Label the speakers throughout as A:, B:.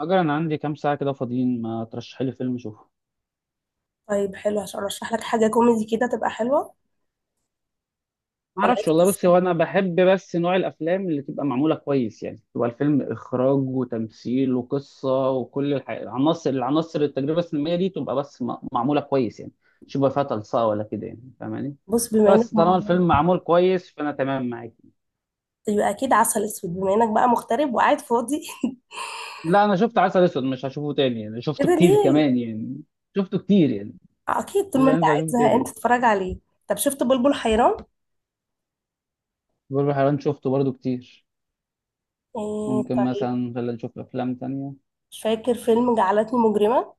A: أجل، أنا عندي كام ساعة كده فاضيين. ما ترشحي لي فيلم أشوفه؟
B: طيب، حلو عشان ارشح لك حاجه كوميدي كده تبقى حلوه.
A: ما
B: ولا
A: أعرفش
B: عايز
A: والله. بصي، هو
B: قصة؟
A: أنا بحب بس نوع الأفلام اللي تبقى معمولة كويس، يعني تبقى الفيلم إخراج وتمثيل وقصة وكل العناصر التجربة السينمائية دي تبقى بس معمولة كويس يعني. مش يبقى فيها تلصقة ولا كده، يعني فاهماني؟
B: بص، بما انك
A: بس طالما الفيلم معمول كويس فأنا تمام معاك.
B: طيب، يبقى اكيد عسل اسود بما انك بقى مغترب وقاعد فاضي.
A: لا، أنا شفت عسل أسود، مش هشوفه تاني، يعني شفته
B: كده
A: كتير
B: ليه؟
A: كمان يعني. شفته كتير يعني.
B: آه، اكيد طول
A: مش
B: ما انت
A: هينفع
B: قاعد
A: أشوفه
B: زهقان
A: تاني.
B: تتفرج عليه. طب شفت بلبل حيران؟
A: بلبل حيران شفته برضه كتير.
B: إيه،
A: ممكن
B: طيب.
A: مثلا خلينا نشوف أفلام تانية.
B: مش فاكر فيلم جعلتني مجرمه؟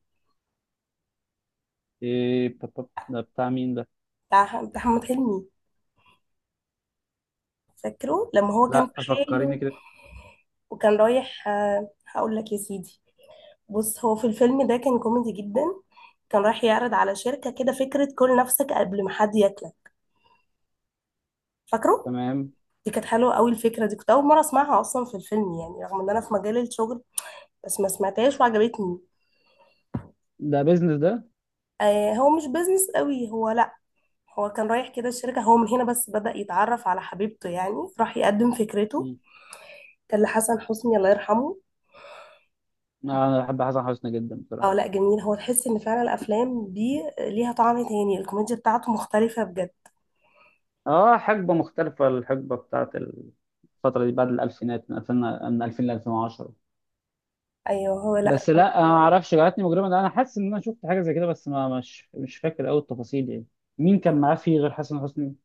A: ايه ده بتاع مين ده؟
B: بتاع محمد حلمي. فاكره لما هو كان
A: لا،
B: في
A: فكريني
B: حاله
A: كده.
B: وكان رايح؟ هقول لك يا سيدي، بص هو في الفيلم ده كان كوميدي جدا. كان رايح يعرض على شركة كده فكرة كل نفسك قبل ما حد ياكلك. فاكره؟
A: تمام.
B: دي كانت حلوة قوي الفكرة دي، كنت أول مرة أسمعها أصلا في الفيلم يعني، رغم إن أنا في مجال الشغل بس ما سمعتهاش وعجبتني.
A: ده بيزنس ده؟
B: آه، هو مش بيزنس قوي هو، لأ. هو كان رايح كده الشركة، هو من هنا بس بدأ يتعرف على حبيبته يعني. راح يقدم فكرته.
A: مم.
B: كان لحسن حسني، الله يرحمه.
A: انا بحب حسن حسني جدا
B: اه لأ،
A: بصراحه.
B: جميل. هو تحس إن فعلا الأفلام دي ليها طعم تاني، الكوميديا بتاعته مختلفة بجد.
A: اه، حقبة مختلفة، الحقبة بتاعت الفترة دي بعد الألفينات من 2000، ل 2010.
B: ايوه هو، لا.
A: بس لا، انا ما اعرفش جعلتني مجرما ده، انا حاسس ان انا شفت حاجه زي كده، بس ما مش فاكر قوي التفاصيل يعني. مين كان معاه فيه غير حسن حسني؟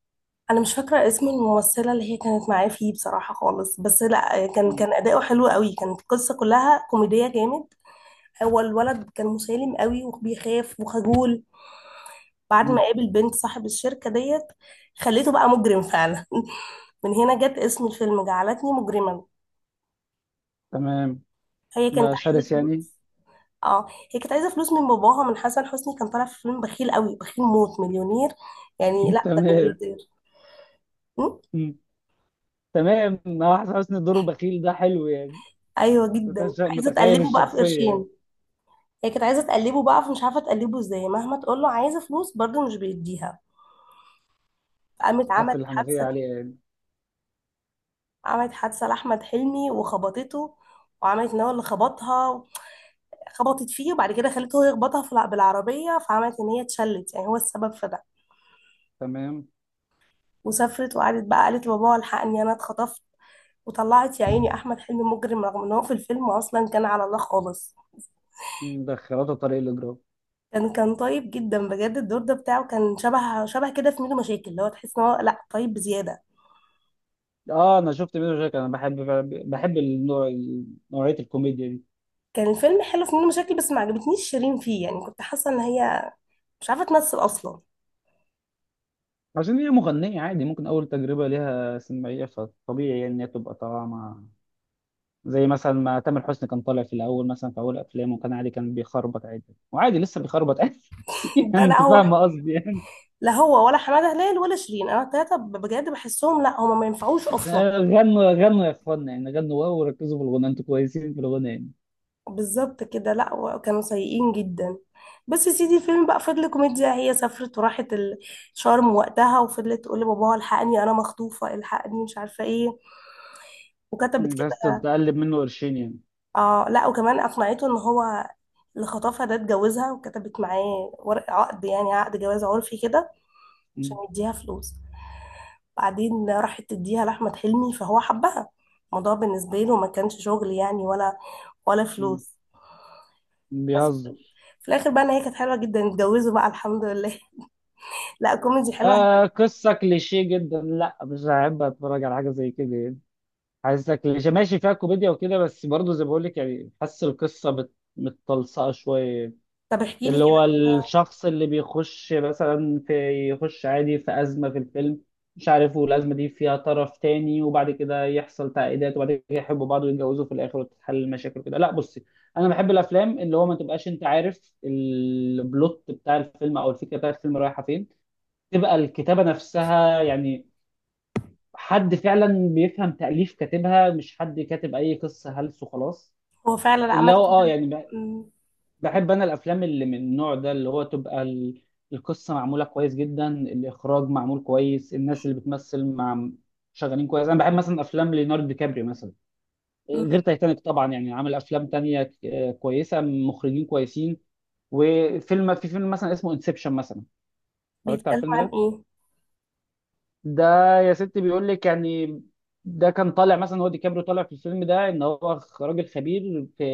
B: انا مش فاكره اسم الممثله اللي هي كانت معاه فيه بصراحه خالص، بس لا كان
A: مم.
B: كان اداؤه حلو قوي، كانت القصه كلها كوميديه جامد. هو الولد كان مسالم قوي وبيخاف وخجول. بعد ما
A: مم.
B: قابل بنت صاحب الشركة ديت، خليته بقى مجرم فعلا. من هنا جت اسم الفيلم جعلتني مجرما.
A: تمام.
B: هي كانت
A: ده شرس
B: عايزة
A: يعني.
B: فلوس. اه، هي كانت عايزة فلوس من باباها. من حسن حسني، كان طالع في فيلم بخيل قوي، بخيل موت، مليونير. يعني لا، ده
A: تمام.
B: ملياردير. م؟
A: مم. تمام، حسن حسني دوره بخيل ده حلو يعني.
B: ايوه جدا، عايزة
A: متخيل
B: تقلبه بقى في
A: الشخصية يعني.
B: قرشين. هي كانت عايزة تقلبه بقى، فمش عارفة تقلبه ازاي، مهما تقول له عايزة فلوس برضه مش بيديها. قامت عملت
A: قافل الحنفية
B: حادثة.
A: عليها يعني.
B: عملت حادثة لأحمد حلمي وخبطته، وعملت ان هو اللي خبطها. خبطت فيه، وبعد كده خلته هو يخبطها في بالعربية، فعملت ان هي اتشلت يعني هو السبب في ده.
A: تمام.
B: وسافرت وقعدت بقى، قالت لبابا الحقني انا اتخطفت. وطلعت يا عيني احمد حلمي مجرم، رغم ان هو في الفيلم اصلا كان على الله خالص.
A: مدخلاته طريق الإجرام.
B: كان طيب جدا بجد. الدور ده بتاعه كان شبه كده في ميدو مشاكل، اللي هو تحس ان هو لا طيب بزيادة.
A: اه، انا شفت منه شكل، انا بحب. بحب النوع. نوعية الكوميديا دي.
B: كان الفيلم حلو في ميدو مشاكل، بس ما عجبتنيش شيرين فيه، يعني كنت حاسة ان هي مش عارفة تمثل اصلا.
A: عشان هي مغنية عادي، ممكن اول تجربة ليها سينمائية، فطبيعي يعني ان هي تبقى طالعة مع. زي مثلا ما تامر حسني كان طالع في الاول، مثلا في اول افلامه كان عادي، كان بيخربط عادي، وعادي لسه بيخربط عادي.
B: ده
A: يعني
B: لا
A: انت
B: هو.
A: فاهم قصدي يعني.
B: لا هو ولا حماده هلال ولا شيرين، انا التلاته بجد بحسهم لا هما ما ينفعوش اصلا.
A: غنوا غنوا يا اخوانا، يعني غنوا واو وركزوا في الغنى، انتوا كويسين في الغنى يعني.
B: بالظبط كده، لا كانوا سيئين جدا. بس يا سيدي، الفيلم بقى فضل كوميديا. هي سافرت وراحت شرم وقتها، وفضلت تقول لباباها الحقني انا مخطوفه الحقني مش عارفه ايه. وكتبت
A: بس
B: كده.
A: تتقلب منه قرشين يعني.
B: اه لا، وكمان اقنعته ان هو اللي خطفها ده اتجوزها، وكتبت معاه ورق عقد يعني عقد جواز عرفي كده، عشان
A: مم.
B: يديها فلوس. بعدين راحت تديها لأحمد حلمي، فهو حبها. الموضوع بالنسبة له ما كانش شغل يعني ولا
A: مم.
B: فلوس. بس
A: بيهزر.
B: في الآخر بقى، إن هي كانت حلوة جدا، اتجوزوا بقى الحمد لله. لا، كوميدي حلوة.
A: آه، قصة كليشيه جدا، لا مش هحب اتفرج على حاجة زي كده يعني. حاسسها كليشيه، ماشي فيها كوميديا وكده، بس برضه زي ما بقول لك، يعني حاسس القصة متطلسقة شوية.
B: طب احكي
A: اللي
B: لي
A: هو
B: كده.
A: الشخص اللي بيخش مثلا في، يخش عادي في أزمة في الفيلم، مش عارف، والأزمة دي فيها طرف تاني، وبعد كده يحصل تعقيدات، وبعد كده يحبوا بعض ويتجوزوا في الآخر وتتحل المشاكل وكده. لا بصي، أنا بحب الأفلام اللي هو ما تبقاش أنت عارف البلوت بتاع الفيلم أو الفكرة بتاع الفيلم رايحة فين، تبقى الكتابة نفسها يعني. حد فعلا بيفهم تأليف كاتبها، مش حد كاتب أي قصة هلس وخلاص.
B: هو فعلا
A: اللي
B: عمل
A: هو
B: كده.
A: يعني،
B: أمم.
A: بحب انا الافلام اللي من النوع ده، اللي هو تبقى القصه معموله كويس جدا، الاخراج معمول كويس، الناس اللي بتمثل مع، شغالين كويس. انا بحب مثلا افلام ليوناردو دي كابريو مثلا، غير
B: أمم.
A: تايتانيك طبعا، يعني عامل افلام تانية كويسه، مخرجين كويسين. وفيلم، في فيلم مثلا اسمه انسبشن مثلا، اتفرجت على
B: بيتكلم
A: الفيلم
B: عن
A: ده؟
B: إيه؟
A: ده، يا ستي بيقول لك يعني، ده كان طالع مثلا هو، دي كابريو طالع في الفيلم ده ان هو راجل خبير في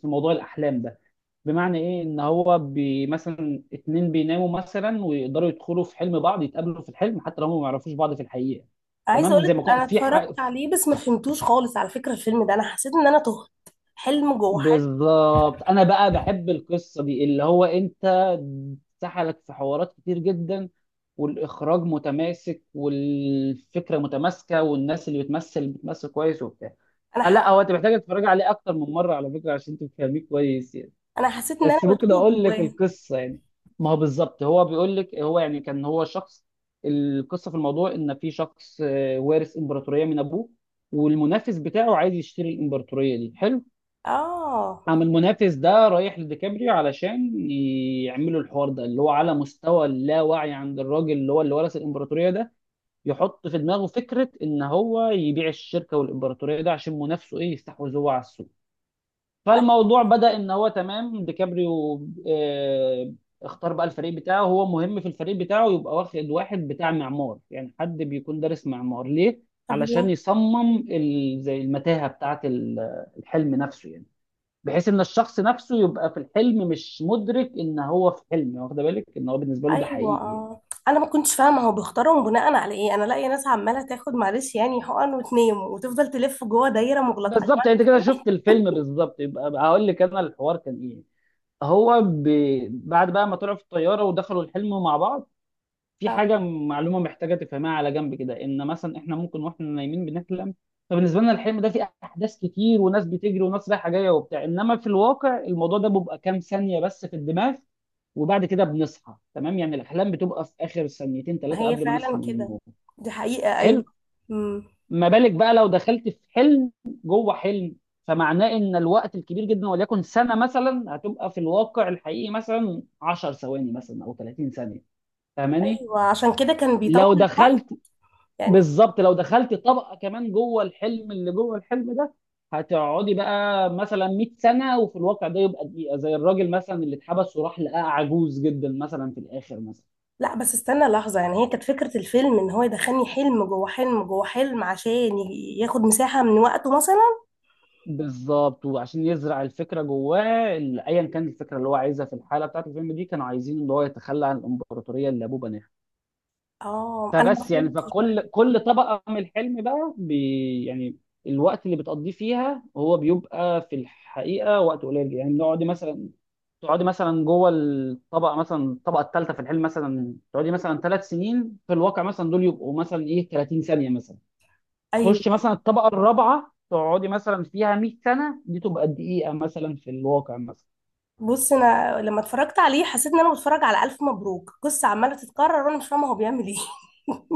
A: موضوع الاحلام ده. بمعنى ايه، ان هو مثلا اتنين بيناموا مثلا ويقدروا يدخلوا في حلم بعض، يتقابلوا في الحلم حتى لو هم ما يعرفوش بعض في الحقيقه.
B: عايزة
A: تمام، زي
B: أقولك،
A: ما كنت
B: أنا
A: في
B: اتفرجت عليه بس ما فهمتوش خالص على فكرة، الفيلم ده أنا حسيت إن أنا تهت. حلم جوه حلم.
A: بالظبط، انا بقى بحب القصه دي، اللي هو انت سحلك في حوارات كتير جدا، والاخراج متماسك والفكره متماسكه والناس اللي بتمثل كويس وبتاع.
B: أنا حسيت
A: لا، هو انت محتاج تتفرج عليه اكتر من مره على فكره عشان تفهميه كويس يعني.
B: أنا حسيت إن أنا
A: بس ممكن
B: بتوه
A: اقول لك
B: جواه.
A: القصه يعني. ما هو بالظبط هو بيقول لك، هو يعني كان هو شخص. القصه في الموضوع ان في شخص وارث امبراطوريه من ابوه، والمنافس بتاعه عايز يشتري الامبراطوريه دي. حلو.
B: آه.
A: قام المنافس ده رايح لديكابريو علشان يعملوا الحوار ده، اللي هو على مستوى اللاوعي عند الراجل اللي هو اللي ورث الامبراطوريه ده، يحط في دماغه فكره ان هو يبيع الشركه والامبراطوريه ده عشان منافسه ايه يستحوذ هو على السوق. فالموضوع بدأ ان هو، تمام، ديكابريو آه، اختار بقى الفريق بتاعه. هو مهم في الفريق بتاعه يبقى واخد واحد بتاع معمار، يعني حد بيكون دارس معمار، ليه؟
B: طب
A: علشان
B: ليه؟
A: يصمم زي المتاهة بتاعة الحلم نفسه يعني، بحيث ان الشخص نفسه يبقى في الحلم مش مدرك ان هو في حلم. واخد بالك ان هو بالنسبة له ده
B: ايوه،
A: حقيقي يعني.
B: آه. انا ما كنتش فاهمه هو بيختارهم بناء على ايه، انا لاقيه ناس عماله تاخد، معلش يعني، حقن وتنام وتفضل تلف جوه دايره مغلقه.
A: بالظبط يعني انت كده
B: أيوة.
A: شفت الفيلم، بالظبط، يبقى هقول لك انا الحوار كان ايه. هو بعد بقى ما طلعوا في الطيارة ودخلوا الحلم مع بعض، في
B: آه.
A: حاجه معلومه محتاجه تفهمها على جنب كده، ان مثلا احنا ممكن واحنا نايمين بنحلم. فبالنسبه لنا الحلم ده فيه احداث كتير وناس بتجري وناس رايحه جايه وبتاع، انما في الواقع الموضوع ده بيبقى كام ثانيه بس في الدماغ. وبعد كده بنصحى. تمام، يعني الاحلام بتبقى في اخر ثانيتين
B: ما
A: ثلاثه
B: هي
A: قبل ما
B: فعلا
A: نصحى من
B: كده،
A: النوم.
B: دي حقيقه، ايوه.
A: حلو.
B: امم.
A: ما بالك بقى لو دخلت في حلم جوه حلم، فمعناه ان الوقت الكبير جدا، وليكن سنه مثلا، هتبقى في الواقع الحقيقي مثلا 10 ثواني مثلا او 30 ثانيه. فاهماني؟
B: ايوه، عشان كده كان
A: لو
B: بيطول الوقت
A: دخلت،
B: يعني.
A: بالظبط، لو دخلت طبقه كمان جوه الحلم اللي جوه الحلم ده، هتقعدي بقى مثلا 100 سنه وفي الواقع ده يبقى دقيقه، زي الراجل مثلا اللي اتحبس وراح لقاه عجوز جدا مثلا في الاخر مثلا.
B: لا، بس استنى لحظه، يعني هي كانت فكره الفيلم ان هو يدخلني حلم جوه حلم جوه حلم، عشان ياخد مساحه من وقته مثلا.
A: بالظبط، وعشان يزرع الفكره جواه، ايا كانت الفكره اللي هو عايزها. في الحاله بتاعت الفيلم دي كانوا عايزين ان هو يتخلى عن الامبراطوريه اللي ابوه بناها.
B: اه، انا ما
A: فبس يعني،
B: فهمتش بقى.
A: فكل طبقه من الحلم بقى يعني الوقت اللي بتقضيه فيها هو بيبقى في الحقيقه وقت قليل. يعني نقعد مثلا، تقعدي مثلا جوه الطبقه، مثلا الطبقه الثالثه في الحلم، مثلا تقعدي مثلا 3 سنين، في الواقع مثلا دول يبقوا مثلا ايه 30 ثانيه مثلا. تخش
B: ايوه.
A: مثلا الطبقه الرابعه، تقعدي مثلا فيها 100 سنه، دي تبقى دقيقه مثلا في الواقع مثلا.
B: بص، انا لما اتفرجت عليه حسيت ان انا بتفرج على الف مبروك، قصه عماله تتكرر وانا مش فاهمه هو بيعمل ايه.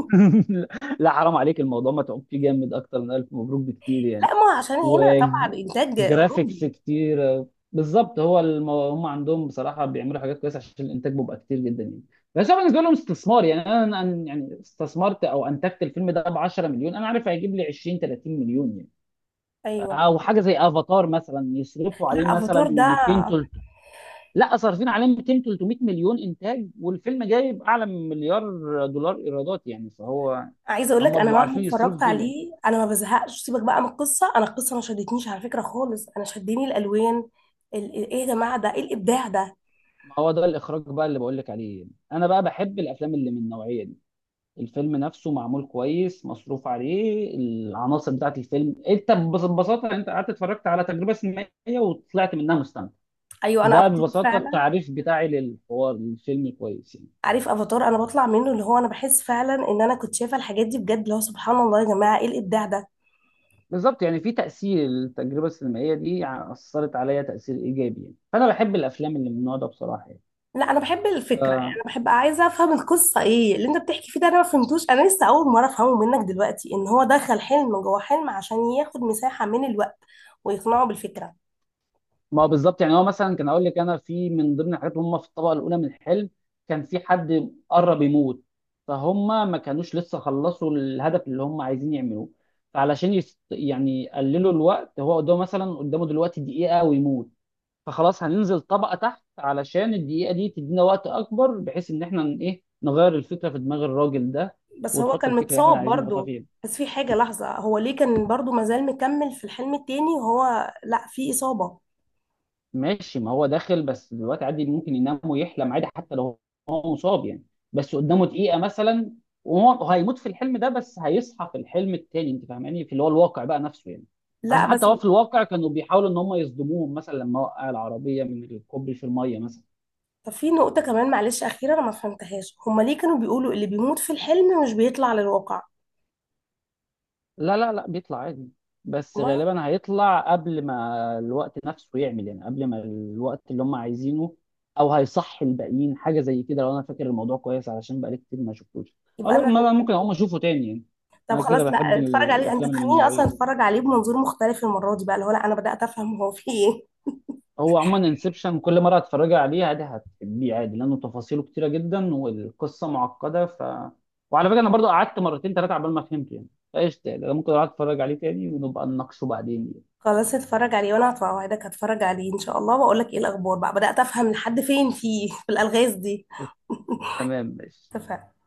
A: لا حرام عليك، الموضوع ما تعبتي جامد، اكتر من الف مبروك بكتير يعني.
B: لا، ما هو عشان هنا طبعا انتاج
A: وجرافيكس
B: اوروبي.
A: كتير. بالظبط، هو هم عندهم بصراحه، بيعملوا حاجات كويسه، عشان الانتاج بيبقى كتير جدا يعني. بس هو بالنسبه لهم استثمار، يعني انا يعني استثمرت او انتجت الفيلم ده ب 10 مليون، انا عارف هيجيب لي 20 30 مليون يعني.
B: ايوه.
A: او حاجه زي افاتار مثلا يصرفوا عليه
B: لا،
A: مثلا
B: افاتار ده.
A: 200 300. لا صارفين عليه 200 300 مليون انتاج، والفيلم جايب اعلى من مليار دولار ايرادات يعني. فهو
B: عايزه اقول لك،
A: هم
B: انا
A: بيبقوا
B: مهما
A: عارفين يصرفوا
B: اتفرجت
A: فين يعني.
B: عليه انا ما بزهقش. سيبك بقى من القصه، انا القصه ما شدتنيش على فكره خالص، انا شدني الالوان ايه يا جماعه، ده ايه الابداع ده!
A: ما هو ده الاخراج بقى اللي بقول لك عليه، انا بقى بحب الافلام اللي من النوعيه دي، الفيلم نفسه معمول كويس مصروف عليه العناصر بتاعت الفيلم. انت ببساطه، انت قعدت اتفرجت على تجربه سينمائيه وطلعت منها مستمتع.
B: ايوه انا،
A: ده
B: افاتار
A: ببساطه
B: فعلا.
A: التعريف بتاعي للحوار، للفيلم كويس يعني.
B: عارف افاتار، انا بطلع منه اللي هو انا بحس فعلا ان انا كنت شايفه الحاجات دي بجد، اللي هو سبحان الله يا جماعه، ايه الابداع ده!
A: بالظبط يعني، في تاثير، التجربه السينمائيه دي اثرت عليا تاثير ايجابي يعني. فانا بحب الافلام اللي من النوع ده بصراحه
B: لا انا بحب الفكره، يعني
A: يعني.
B: انا بحب عايزه افهم القصه ايه اللي انت بتحكي فيه. ده انا ما فهمتوش، انا لسه اول مره افهمه منك دلوقتي، ان هو دخل حلم جوه حلم عشان ياخد مساحه من الوقت ويقنعه بالفكره.
A: ما بالظبط يعني هو، مثلا كان اقول لك انا، في من ضمن الحاجات اللي هم في الطبقه الاولى من الحلم كان في حد قرب يموت. فهم ما كانوش لسه خلصوا الهدف اللي هم عايزين يعملوه. فعلشان يعني يقللوا الوقت، هو قدامه مثلا، قدامه دلوقتي دقيقه ويموت. فخلاص هننزل طبقه تحت علشان الدقيقه دي تدينا وقت اكبر، بحيث ان احنا ن- ايه نغير الفكره في دماغ الراجل ده،
B: بس هو
A: ونحط
B: كان
A: الفكره اللي احنا
B: متصاب
A: عايزين نحطها
B: برضه.
A: فيه.
B: بس في حاجه لحظه، هو ليه كان برضه مازال مكمل في الحلم التاني وهو لا في اصابه؟
A: ماشي، ما هو داخل بس دلوقتي عادي، ممكن ينام ويحلم عادي حتى لو هو مصاب يعني. بس قدامه دقيقة مثلا، وهو هيموت في الحلم ده بس هيصحى في الحلم التاني، انت فاهماني، في اللي هو الواقع بقى نفسه يعني.
B: لا
A: عشان
B: بس.
A: حتى هو في الواقع كانوا بيحاولوا ان هم يصدموهم، مثلا لما وقع العربية من الكوبري في المية مثلا.
B: طب في نقطه كمان، معلش، اخيره انا ما فهمتهاش، هما ليه كانوا بيقولوا اللي بيموت في الحلم مش بيطلع للواقع؟
A: لا لا لا، بيطلع عادي، بس
B: والله.
A: غالبا هيطلع قبل ما الوقت نفسه يعمل، يعني قبل ما الوقت اللي هم عايزينه، او هيصحي الباقيين، حاجه زي كده لو انا فاكر الموضوع كويس، علشان بقالي كتير ما شفتوش، او
B: يبقى
A: لا،
B: انا.
A: ما ممكن اقوم اشوفه تاني يعني.
B: طب
A: انا
B: خلاص
A: كده
B: لا،
A: بحب
B: اتفرج عليه. انت
A: الافلام اللي من
B: تخليني
A: النوعيه
B: اصلا
A: دي.
B: اتفرج عليه بمنظور مختلف المره دي بقى، اللي هو لا انا بدات افهم هو في ايه.
A: هو عموما انسبشن كل مره هتتفرجي عليه عادي هتحبيه عادي، لانه تفاصيله كتيره جدا والقصه معقده، وعلى فكره انا برضو قعدت مرتين ثلاثه عبال ما فهمت يعني. فايش تاني، انا ممكن اقعد اتفرج عليه تاني ونبقى نناقشه بعدين يعني.
B: خلاص اتفرج عليه، وانا هتوعدك هتفرج عليه ان شاء الله، واقول لك ايه الاخبار بقى، بدات افهم لحد فين فيه في الالغاز دي.
A: تمام، ماشي.
B: اتفقنا.